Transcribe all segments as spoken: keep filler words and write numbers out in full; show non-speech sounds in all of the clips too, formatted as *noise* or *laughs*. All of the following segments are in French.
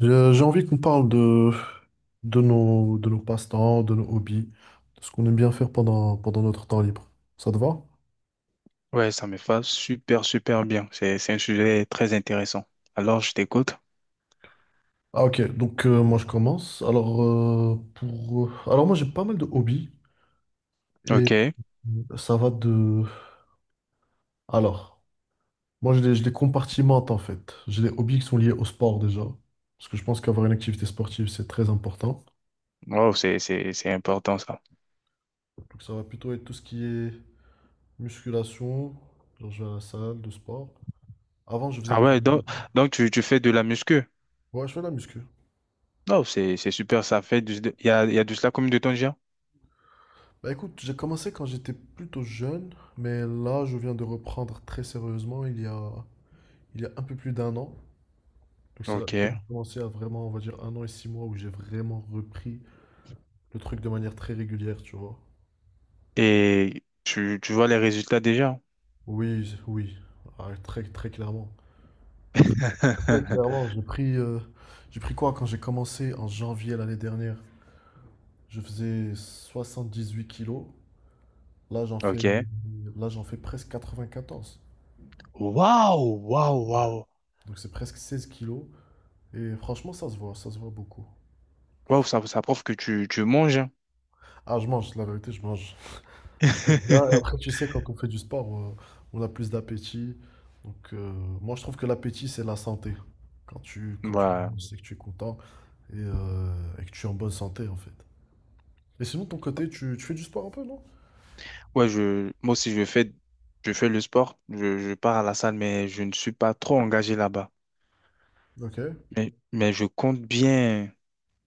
J'ai j'ai envie qu'on parle de, de nos, de nos passe-temps, de nos hobbies, de ce qu'on aime bien faire pendant, pendant notre temps libre. Ça te va? Ouais, ça me va super, super bien. C'est, c'est un sujet très intéressant. Alors, je t'écoute. Ah ok, donc euh, moi je commence. Alors, euh, pour, euh, alors moi j'ai pas mal de hobbies et OK. euh, ça va de... Alors, moi je les, je les compartimente en fait. J'ai des hobbies qui sont liés au sport déjà, parce que je pense qu'avoir une activité sportive c'est très important. Wow, c'est, c'est, c'est important, ça. Donc ça va plutôt être tout ce qui est musculation, genre je vais à la salle de sport. Avant je faisais Ah des... ouais, donc, donc tu, tu fais de la muscu. Ouais, je fais de la muscu. Oh, c'est, c'est super, ça fait du, il y a, il y a de cela comme de temps déjà. Bah écoute, j'ai commencé quand j'étais plutôt jeune, mais là je viens de reprendre très sérieusement il y a, il y a un peu plus d'un an. Donc c'est là que j'ai OK. commencé à vraiment, on va dire, un an et six mois où j'ai vraiment repris le truc de manière très régulière, tu vois. Et tu, tu vois les résultats déjà. Oui, oui, ah, très très clairement. Très, très clairement, *laughs* j'ai pris, euh, j'ai pris quoi quand j'ai commencé en janvier l'année dernière? Je faisais soixante-dix-huit kilos, là j'en fais, OK. là j'en fais presque quatre-vingt-quatorze. Waouh, waouh, waouh. Donc c'est presque seize kilos. Et franchement, ça se voit, ça se voit beaucoup. Waouh, ça, ça prouve que tu, tu manges. *laughs* hein. Ah, je mange, la vérité, je mange. Je mange bien. Et après, tu sais, quand on fait du sport, euh, on a plus d'appétit. Donc, euh, moi, je trouve que l'appétit, c'est la santé. Quand tu, quand tu Ouais. sais que tu es content et, euh, et que tu es en bonne santé, en fait. Et sinon, de ton côté, tu, tu fais du sport un peu, non? Ouais, je, moi aussi, je fais, je fais le sport. Je, je pars à la salle, mais je ne suis pas trop engagé là-bas. Ok. Mais, mais je compte bien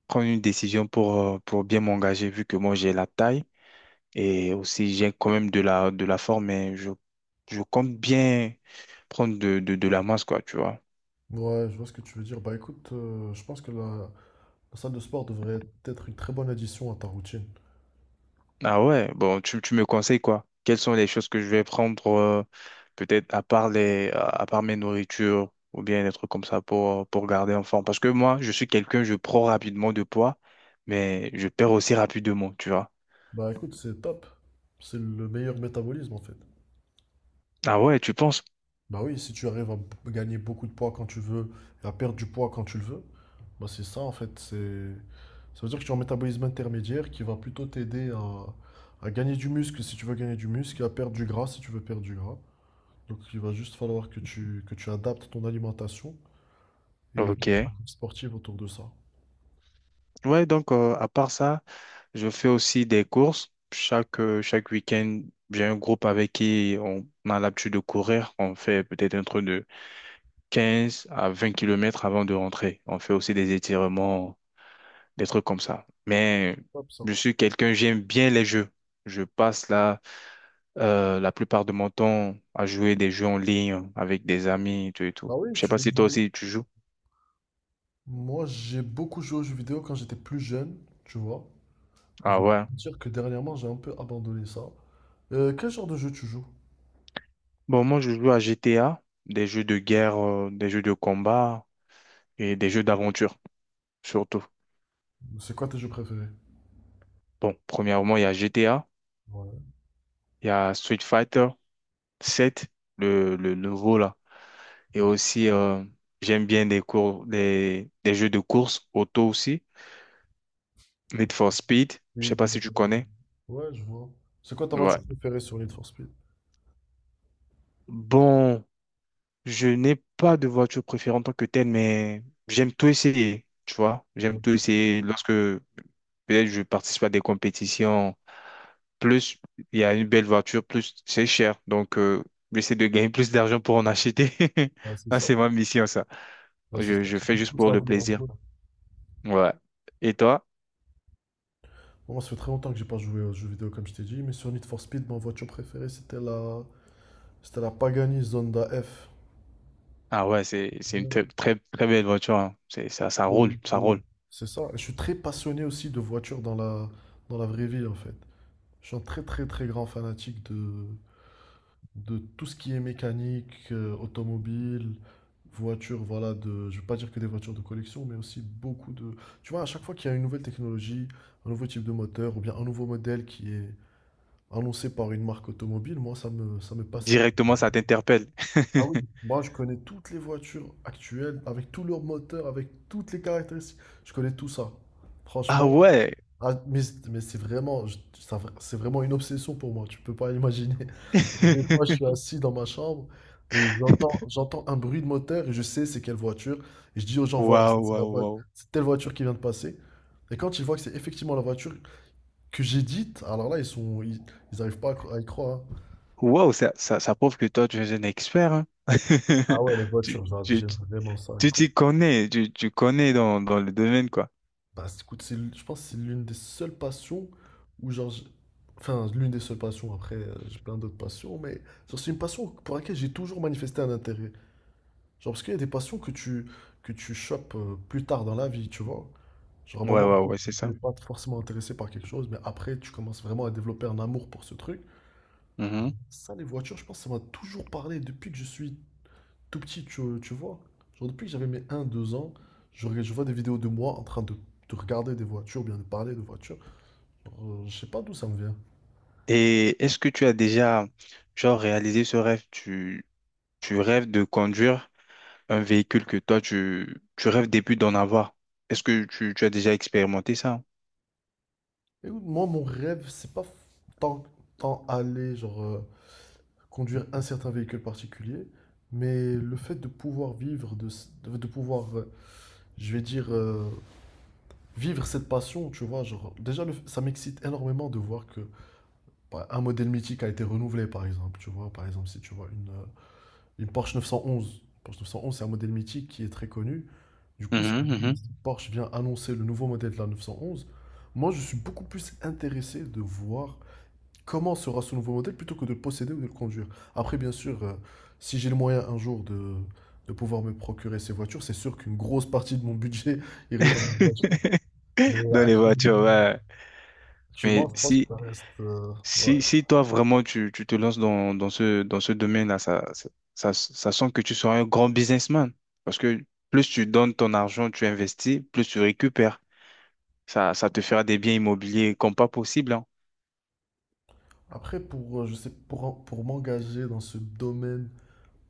prendre une décision pour, euh, pour bien m'engager, vu que moi, j'ai la taille et aussi j'ai quand même de la, de la forme, mais je, je compte bien prendre de, de, de la masse, quoi, tu vois. Ouais, je vois ce que tu veux dire. Bah écoute, euh, je pense que la, la salle de sport devrait être une très bonne addition à ta routine. Ah ouais, bon, tu, tu me conseilles quoi? Quelles sont les choses que je vais prendre, euh, peut-être à part les, à à part mes nourritures ou bien des trucs comme ça pour, euh, pour garder en forme? Parce que moi, je suis quelqu'un, je prends rapidement de poids, mais je perds aussi rapidement, tu vois. Bah écoute, c'est top. C'est le meilleur métabolisme, en fait. Ah ouais, tu penses? Bah oui, si tu arrives à b- gagner beaucoup de poids quand tu veux et à perdre du poids quand tu le veux, bah c'est ça en fait. C'est... Ça veut dire que tu as un métabolisme intermédiaire qui va plutôt t'aider à, à gagner du muscle si tu veux gagner du muscle et à perdre du gras si tu veux perdre du gras. Donc il va juste falloir que tu, que tu adaptes ton alimentation et ton Ok. pratique sportive autour de ça. Ouais, donc euh, à part ça, je fais aussi des courses. Chaque, euh, chaque week-end, j'ai un groupe avec qui on a l'habitude de courir. On fait peut-être un truc de quinze à vingt kilomètres avant de rentrer. On fait aussi des étirements des trucs comme ça. Mais Hop, ça. je suis quelqu'un, j'aime bien les jeux. Je passe là euh, la plupart de mon temps à jouer des jeux en ligne avec des amis et tout et tout. Ah oui, Je sais tu pas joues aux si jeux toi vidéo? aussi tu joues. Moi, j'ai beaucoup joué aux jeux vidéo quand j'étais plus jeune, tu vois. Je Ah vais ouais. te dire que dernièrement, j'ai un peu abandonné ça. Euh, quel genre de jeu tu joues? Bon, moi je joue à G T A, des jeux de guerre, euh, des jeux de combat et des jeux d'aventure surtout. C'est quoi tes jeux préférés? Bon, premièrement, il y a G T A, Ouais, il y a Street Fighter sept, le, le nouveau là. Et ok. aussi, euh, j'aime bien des cours, des, des jeux de course auto aussi. Need for Speed, je sais Speed, pas ouais, si tu connais. ouais, je vois. C'est quoi ta Ouais. voiture préférée sur Need for Speed? Bon, je n'ai pas de voiture préférée en tant que telle, mais j'aime tout essayer, tu vois. J'aime tout Ok. essayer lorsque peut-être je participe à des compétitions. Plus il y a une belle voiture, plus c'est cher. Donc, euh, j'essaie de gagner *laughs* plus d'argent pour en acheter. *laughs* Bah, c'est Ah, ça. c'est ma mission, ça. Bah, c'est Je, ça, je qui fais te juste pousse pour à le vouloir plaisir. jouer. Ouais. Et toi? Moi, ça fait très longtemps que j'ai pas joué aux jeux vidéo, comme je t'ai dit, mais sur Need for Speed, ma voiture préférée, c'était la... c'était la Pagani Zonda F. Ah ouais, c'est, c'est une très, très, très belle voiture, hein. C'est, ça, ça Et- roule, ça et- roule. C'est ça. Je suis très passionné aussi de voitures dans la... dans la vraie vie, en fait. Je suis un très, très, très grand fanatique de... de tout ce qui est mécanique, euh, automobile, voiture, voilà, de, je ne veux pas dire que des voitures de collection, mais aussi beaucoup de... Tu vois, à chaque fois qu'il y a une nouvelle technologie, un nouveau type de moteur, ou bien un nouveau modèle qui est annoncé par une marque automobile, moi, ça me, ça me passionne. Directement, ça t'interpelle. Ah oui. *laughs* Moi, je connais toutes les voitures actuelles, avec tous leurs moteurs, avec toutes les caractéristiques. Je connais tout ça. Ah Franchement, ouais. ah, mais c'est mais c'est vraiment, je- ça- c'est vraiment une obsession pour moi, tu peux pas imaginer. *laughs* Des fois, je suis assis dans ma chambre et j'entends, *laughs* j'entends un bruit de moteur et je sais c'est quelle voiture. Et je dis aux gens, voilà, ça, Waouh, c'est la waouh, voiture, waouh. c'est telle voiture qui vient de passer. Et quand ils voient que c'est effectivement la voiture que j'ai dite, alors là, ils sont, ils, ils arrivent pas à cro- à y croire, hein. Waouh, ça, ça, ça prouve que toi, tu es un expert, hein. *laughs* Ah ouais, les Tu, voitures, j'a- tu, j'aime tu vraiment ça. tu Écoute, t'y connais, tu, tu connais dans, dans le domaine, quoi. bah, c'est- écoute, c'est, l- je pense que c'est l'une des seules passions où, genre, j'- enfin, l'une des seules passions, après, euh, j'ai plein d'autres passions, mais genre, c'est une passion pour laquelle j'ai toujours manifesté un intérêt. Genre, parce qu'il y a des passions que tu, que tu chopes euh, plus tard dans la vie, tu vois. Genre, à un Ouais, moment, ouais, peut-être ouais, c'est que tu ça. n'es pas forcément intéressé par quelque chose, mais après, tu commences vraiment à développer un amour pour ce truc. Mhm. Ça, les voitures, je pense que ça m'a toujours parlé depuis que je suis tout petit, tu, tu vois. Genre, depuis que j'avais mes un deux ans, je, regarde- je vois des vidéos de moi en train de, de regarder des voitures, bien de parler de voitures. Euh, je sais pas d'où ça me vient. Et est-ce que tu as déjà, genre, réalisé ce rêve? Tu, tu rêves de conduire un véhicule que toi, tu, tu rêves début d'en avoir. Est-ce que tu, tu as déjà expérimenté ça? Écoute, moi, mon rêve, c'est pas tant, tant aller, genre, euh, conduire un certain véhicule particulier, mais le fait de pouvoir vivre, de, s- de, de pouvoir, euh, je vais dire, euh, vivre cette passion, tu vois, genre, déjà, le f- ça m'excite énormément de voir que bah, un modèle mythique a été renouvelé, par exemple, tu vois, par exemple, si tu vois une, euh, Une Porsche neuf cent onze. Porsche neuf cent onze, c'est un modèle mythique qui est très connu. Du coup, si Mhm, mhm. Porsche vient annoncer le nouveau modèle de la neuf cent onze. Moi, je suis beaucoup plus intéressé de voir comment sera ce nouveau modèle plutôt que de le posséder ou de le conduire. Après, bien sûr, euh, si j'ai le moyen un jour de, de pouvoir me procurer ces voitures, c'est sûr qu'une grosse partie de mon budget *laughs* irait dans les voitures. *laughs* Mais Dans les voitures, actuellement, ouais. actuellement, Mais je pense que si. ça reste. Euh, ouais. Si, si toi vraiment tu, tu te lances dans, dans ce, dans ce domaine-là, ça, ça, ça, ça sent que tu seras un grand businessman. Parce que plus tu donnes ton argent, tu investis, plus tu récupères. Ça, ça te fera des biens immobiliers comme pas possible, hein. Après, pour, euh, je sais, pour, pour m'engager dans ce domaine,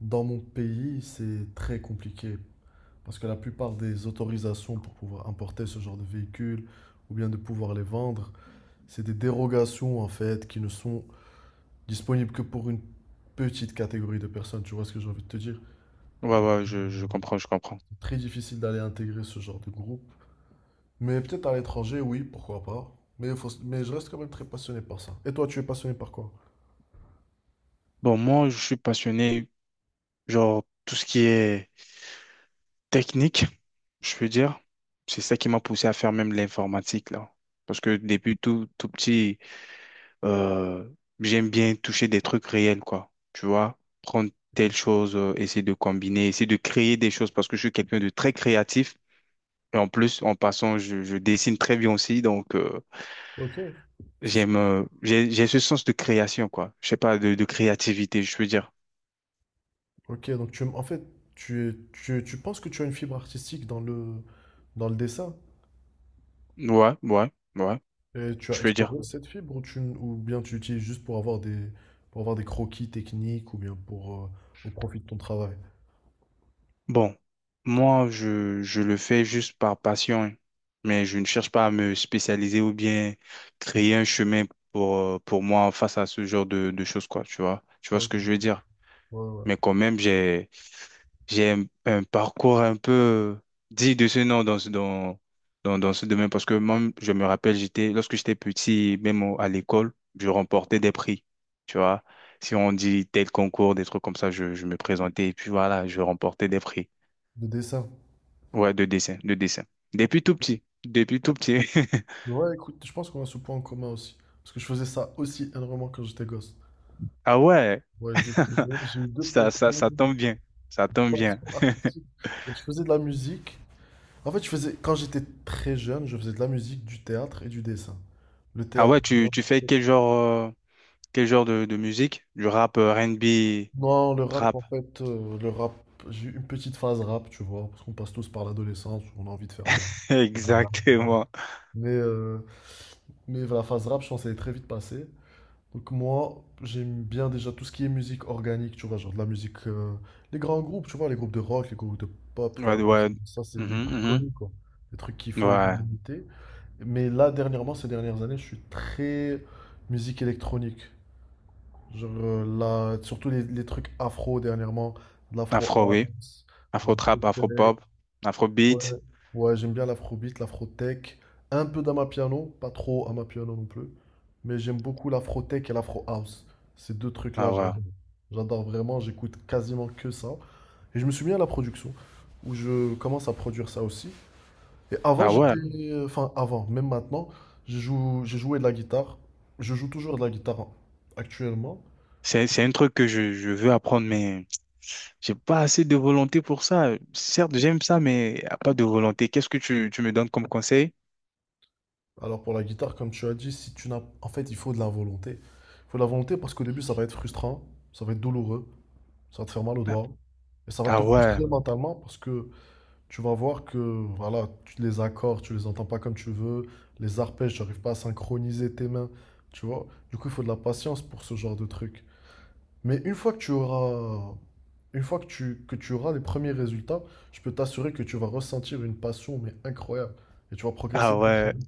dans mon pays, c'est très compliqué parce que la plupart des autorisations pour pouvoir importer ce genre de véhicules ou bien de pouvoir les vendre, c'est des dérogations en fait qui ne sont disponibles que pour une petite catégorie de personnes. Tu vois ce que j'ai envie de te dire? Ouais, ouais, je, je comprends, je comprends. C'est très difficile d'aller intégrer ce genre de groupe. Mais peut-être à l'étranger, oui, pourquoi pas. Mais, il faut- mais je reste quand même très passionné par ça. Et toi, tu es passionné par quoi? Bon, moi, je suis passionné, genre, tout ce qui est technique, je veux dire. C'est ça qui m'a poussé à faire même l'informatique, là. Parce que depuis tout, tout petit. Euh, J'aime bien toucher des trucs réels, quoi. Tu vois, prendre telle chose, euh, essayer de combiner, essayer de créer des choses parce que je suis quelqu'un de très créatif. Et en plus, en passant, je, je dessine très bien aussi. Donc, euh, Ok. C'est su- j'aime, euh, j'ai, j'ai ce sens de création, quoi. Je sais pas, de, de créativité, je peux dire. Ok, donc tu, aimes- en fait, tu, es- tu tu penses que tu as une fibre artistique dans le, dans le dessin? Ouais, ouais, ouais, Et tu je as peux dire. exploré cette fibre ou, tu, ou bien tu l'utilises juste pour avoir des, pour avoir des croquis techniques ou bien pour, euh, au profit de ton travail? Bon, moi, je, je le fais juste par passion, hein. Mais je ne cherche pas à me spécialiser ou bien créer un chemin pour, euh, pour moi face à ce genre de, de choses, quoi, tu vois. Tu vois ce Ok. que je veux dire? Ouais, ouais. Mais quand même, j'ai, j'ai un, un parcours un peu dit de ce nom dans, ce- dans, dans, dans ce domaine parce que moi, je me rappelle, j'étais, lorsque j'étais petit, même au- à l'école, je remportais des prix, tu vois. Si on dit tel concours, des trucs comme ça, je, je me présentais et puis voilà, je remportais des prix. De dessin. Ouais, de dessin, de dessin. Depuis tout petit, depuis tout petit. *laughs* Ouais, écoute, je pense qu'on a ce point en commun aussi. Parce que je faisais ça aussi énormément quand j'étais gosse. Ah ouais, Ouais, je dessinais, j'ai eu *laughs* deux ça, passions, ça, ça une tombe bien, ça tombe bien. passion artistique. Donc, je faisais de la musique. En fait, je faisais, quand j'étais très jeune, je faisais de la musique, du théâtre et du dessin. Le Ah théâtre. ouais, tu, tu fais quel genre, euh, quel genre de, de musique? Du rap, euh, r n b, Non, le rap, trap. en fait, euh, le rap, j'ai eu une petite phase rap, tu vois, parce qu'on passe tous par l'adolescence, où on a envie de faire les... *laughs* *laughs* Voilà, voilà. Exactement. Mais, euh, mais la phase rap, je pense, elle est très vite passée. Donc moi, j'aime bien déjà tout ce qui est musique organique, tu vois, genre de la musique... euh, les grands groupes, tu vois, les groupes de rock, les groupes de pop, voilà. Ouais, ouais. Ça, c'est les trucs Mhm, connus, quoi. Les trucs qui mhm. font Ouais. l'unanimité. Mais là, dernièrement, ces dernières années, je suis très musique électronique. Genre, euh, la- surtout les, les trucs afro dernièrement, de l'afro Afro, oui. house, de Afro l'afro trap, afro tech. pop, afro Ouais, beat. ouais, j'aime bien l'afrobeat, l'afro tech. Un peu d'amapiano, pas trop amapiano non plus. Mais j'aime beaucoup l'afro tech et l'afro house. Ces deux trucs-là, Ah ouais. j'adore. J'adore vraiment, j'écoute quasiment que ça. Et je me suis mis à la production, où je commence à produire ça aussi. Et avant, Ah ouais. j'étais. Enfin, avant, même maintenant, je joue, j'ai joué de la guitare. Je joue toujours de la guitare hein, actuellement. C'est, c'est un truc que je, je veux apprendre, mais j'ai pas assez de volonté pour ça. Certes, j'aime ça, mais y a pas de volonté. Qu'est-ce que tu, tu me donnes comme conseil? Alors pour la guitare, comme tu as dit, si tu n'as... En fait, il faut de la volonté. Il faut de la volonté parce qu'au début, ça va être frustrant, ça va être douloureux, ça va te faire mal aux doigts. Et ça va Ah te ouais, frustrer mentalement parce que tu vas voir que voilà, tu- les accords, tu les entends pas comme tu veux, les arpèges, tu n'arrives pas à synchroniser tes mains, tu vois. Du coup, il faut de la patience pour ce genre de truc. Mais une fois que tu auras, une fois que tu, que tu auras les premiers résultats, je peux t'assurer que tu vas ressentir une passion mais incroyable et tu vas ah progresser très très ouais. vite.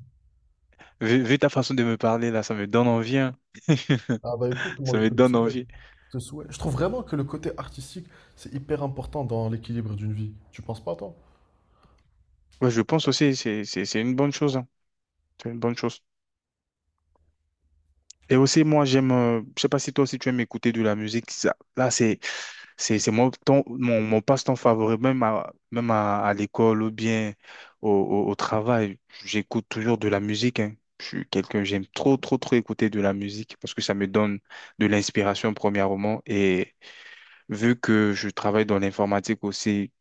Vu, vu ta façon de me parler là, ça me donne envie, hein. *laughs* Ah bah écoute, moi Ça je me te le donne souhaite. envie. Ce souhait. Je trouve vraiment que le côté artistique, c'est hyper important dans l'équilibre d'une vie. Tu penses pas, toi? Ouais, je pense aussi, c'est, c'est, c'est une bonne chose, hein. C'est une bonne chose. Et aussi, moi, j'aime, euh, je sais pas si toi aussi tu aimes écouter de la musique. Ça- là, c'est, c'est, c'est mon temps, mon, mon passe-temps favori, même à, même à, à l'école ou bien au, au, au travail. J'écoute toujours de la musique, hein. Je suis quelqu'un, j'aime trop, trop, trop écouter de la musique parce que ça me donne de l'inspiration, premièrement, et vu que je travaille dans l'informatique aussi,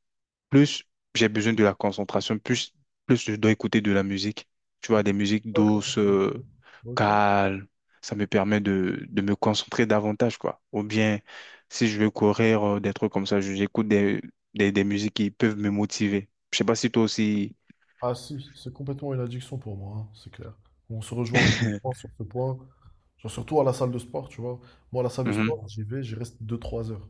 plus j'ai besoin de la concentration, plus, plus je dois écouter de la musique. Tu vois, des musiques Ok. douces, Euh, euh, ok. calmes, ça me permet de, de me concentrer davantage, quoi. Ou bien, si je veux courir, euh, des trucs comme ça, je- j'écoute des, des, des musiques qui peuvent me motiver. Je sais pas si toi aussi... Ah si, c'est complètement une addiction pour moi, hein, c'est clair. On se rejoint parfaitement *laughs* sur ce point. Genre, surtout à la salle de sport, tu vois. Moi, à la salle de Mhm. sport, j'y vais, j'y reste deux trois heures.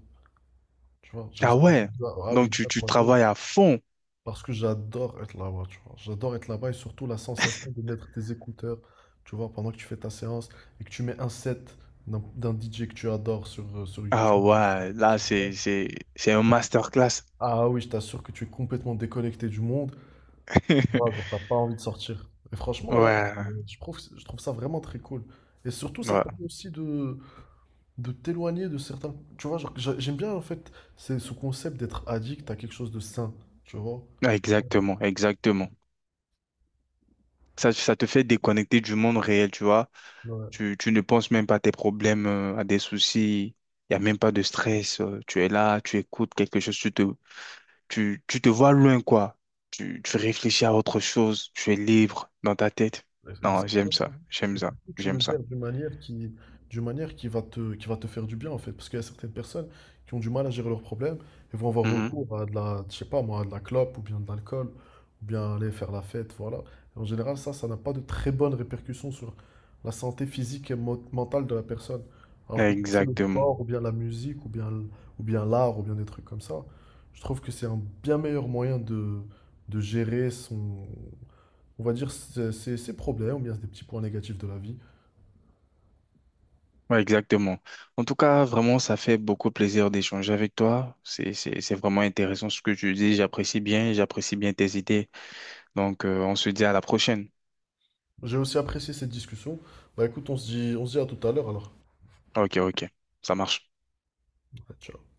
Tu vois, j'y Ah reste... ouais, Ah ah donc oui, tu, deux tu trois heures. travailles à fond. Parce que j'adore être là-bas, tu vois. J'adore être là-bas et surtout la sensation de mettre tes écouteurs, tu vois, pendant que tu fais ta séance et que tu mets un set d'un d'un D J que tu adores sur, euh, sur Ah YouTube. ouais, là, c'est, c'est, c'est un masterclass. Ah oui, je t'assure que tu es complètement déconnecté du monde. Tu vois, genre, *laughs* t'as pas envie de sortir. Et franchement, ouais, c'est- Ouais, je trouve, je trouve ça vraiment très cool. Et surtout, ça te permet ouais. aussi de, de t'éloigner de certains. Tu vois, genre, j'a- j'aime bien en fait c'est ce concept d'être addict à quelque chose de sain. Tu vois? Ah, exactement, exactement. Ça, ça te fait déconnecter du monde réel, tu vois. Tu, tu ne penses même pas à tes problèmes, euh, à des soucis. Il n'y a même pas de stress. euh, Tu es là, tu écoutes quelque chose, tu te, tu, tu te vois loin, quoi. Tu, tu réfléchis à autre chose, tu es libre dans ta tête. Non, j'aime ça, Exactement. j'aime Et ça, surtout, tu j'aime le ça. gères d'une manière qui, d'une manière qui va te, qui va te faire du bien en fait, parce qu'il y a certaines personnes qui ont du mal à gérer leurs problèmes et vont avoir Mhm. recours à de la, je sais pas moi, à de la clope ou bien de l'alcool ou bien aller faire la fête, voilà. Et en général, ça, ça n'a pas de très bonnes répercussions sur la santé physique et mo- mentale de la personne. Alors que quand c'est le Exactement. sport ou bien la musique ou bien, l- ou bien l'art ou bien des trucs comme ça, je trouve que c'est un bien meilleur moyen de, de gérer son, on va dire, ses, ses- ses problèmes, ou bien des petits points négatifs de la vie. Ouais, exactement. En tout cas, vraiment, ça fait beaucoup plaisir d'échanger avec toi. C'est, c'est, c'est vraiment intéressant ce que tu dis. J'apprécie bien, j'apprécie bien tes idées. Donc, euh, on se dit à la prochaine. J'ai aussi apprécié cette discussion. Bah écoute, on se dit, on se dit à tout à l'heure alors. Ok, ok, ça marche. Ciao.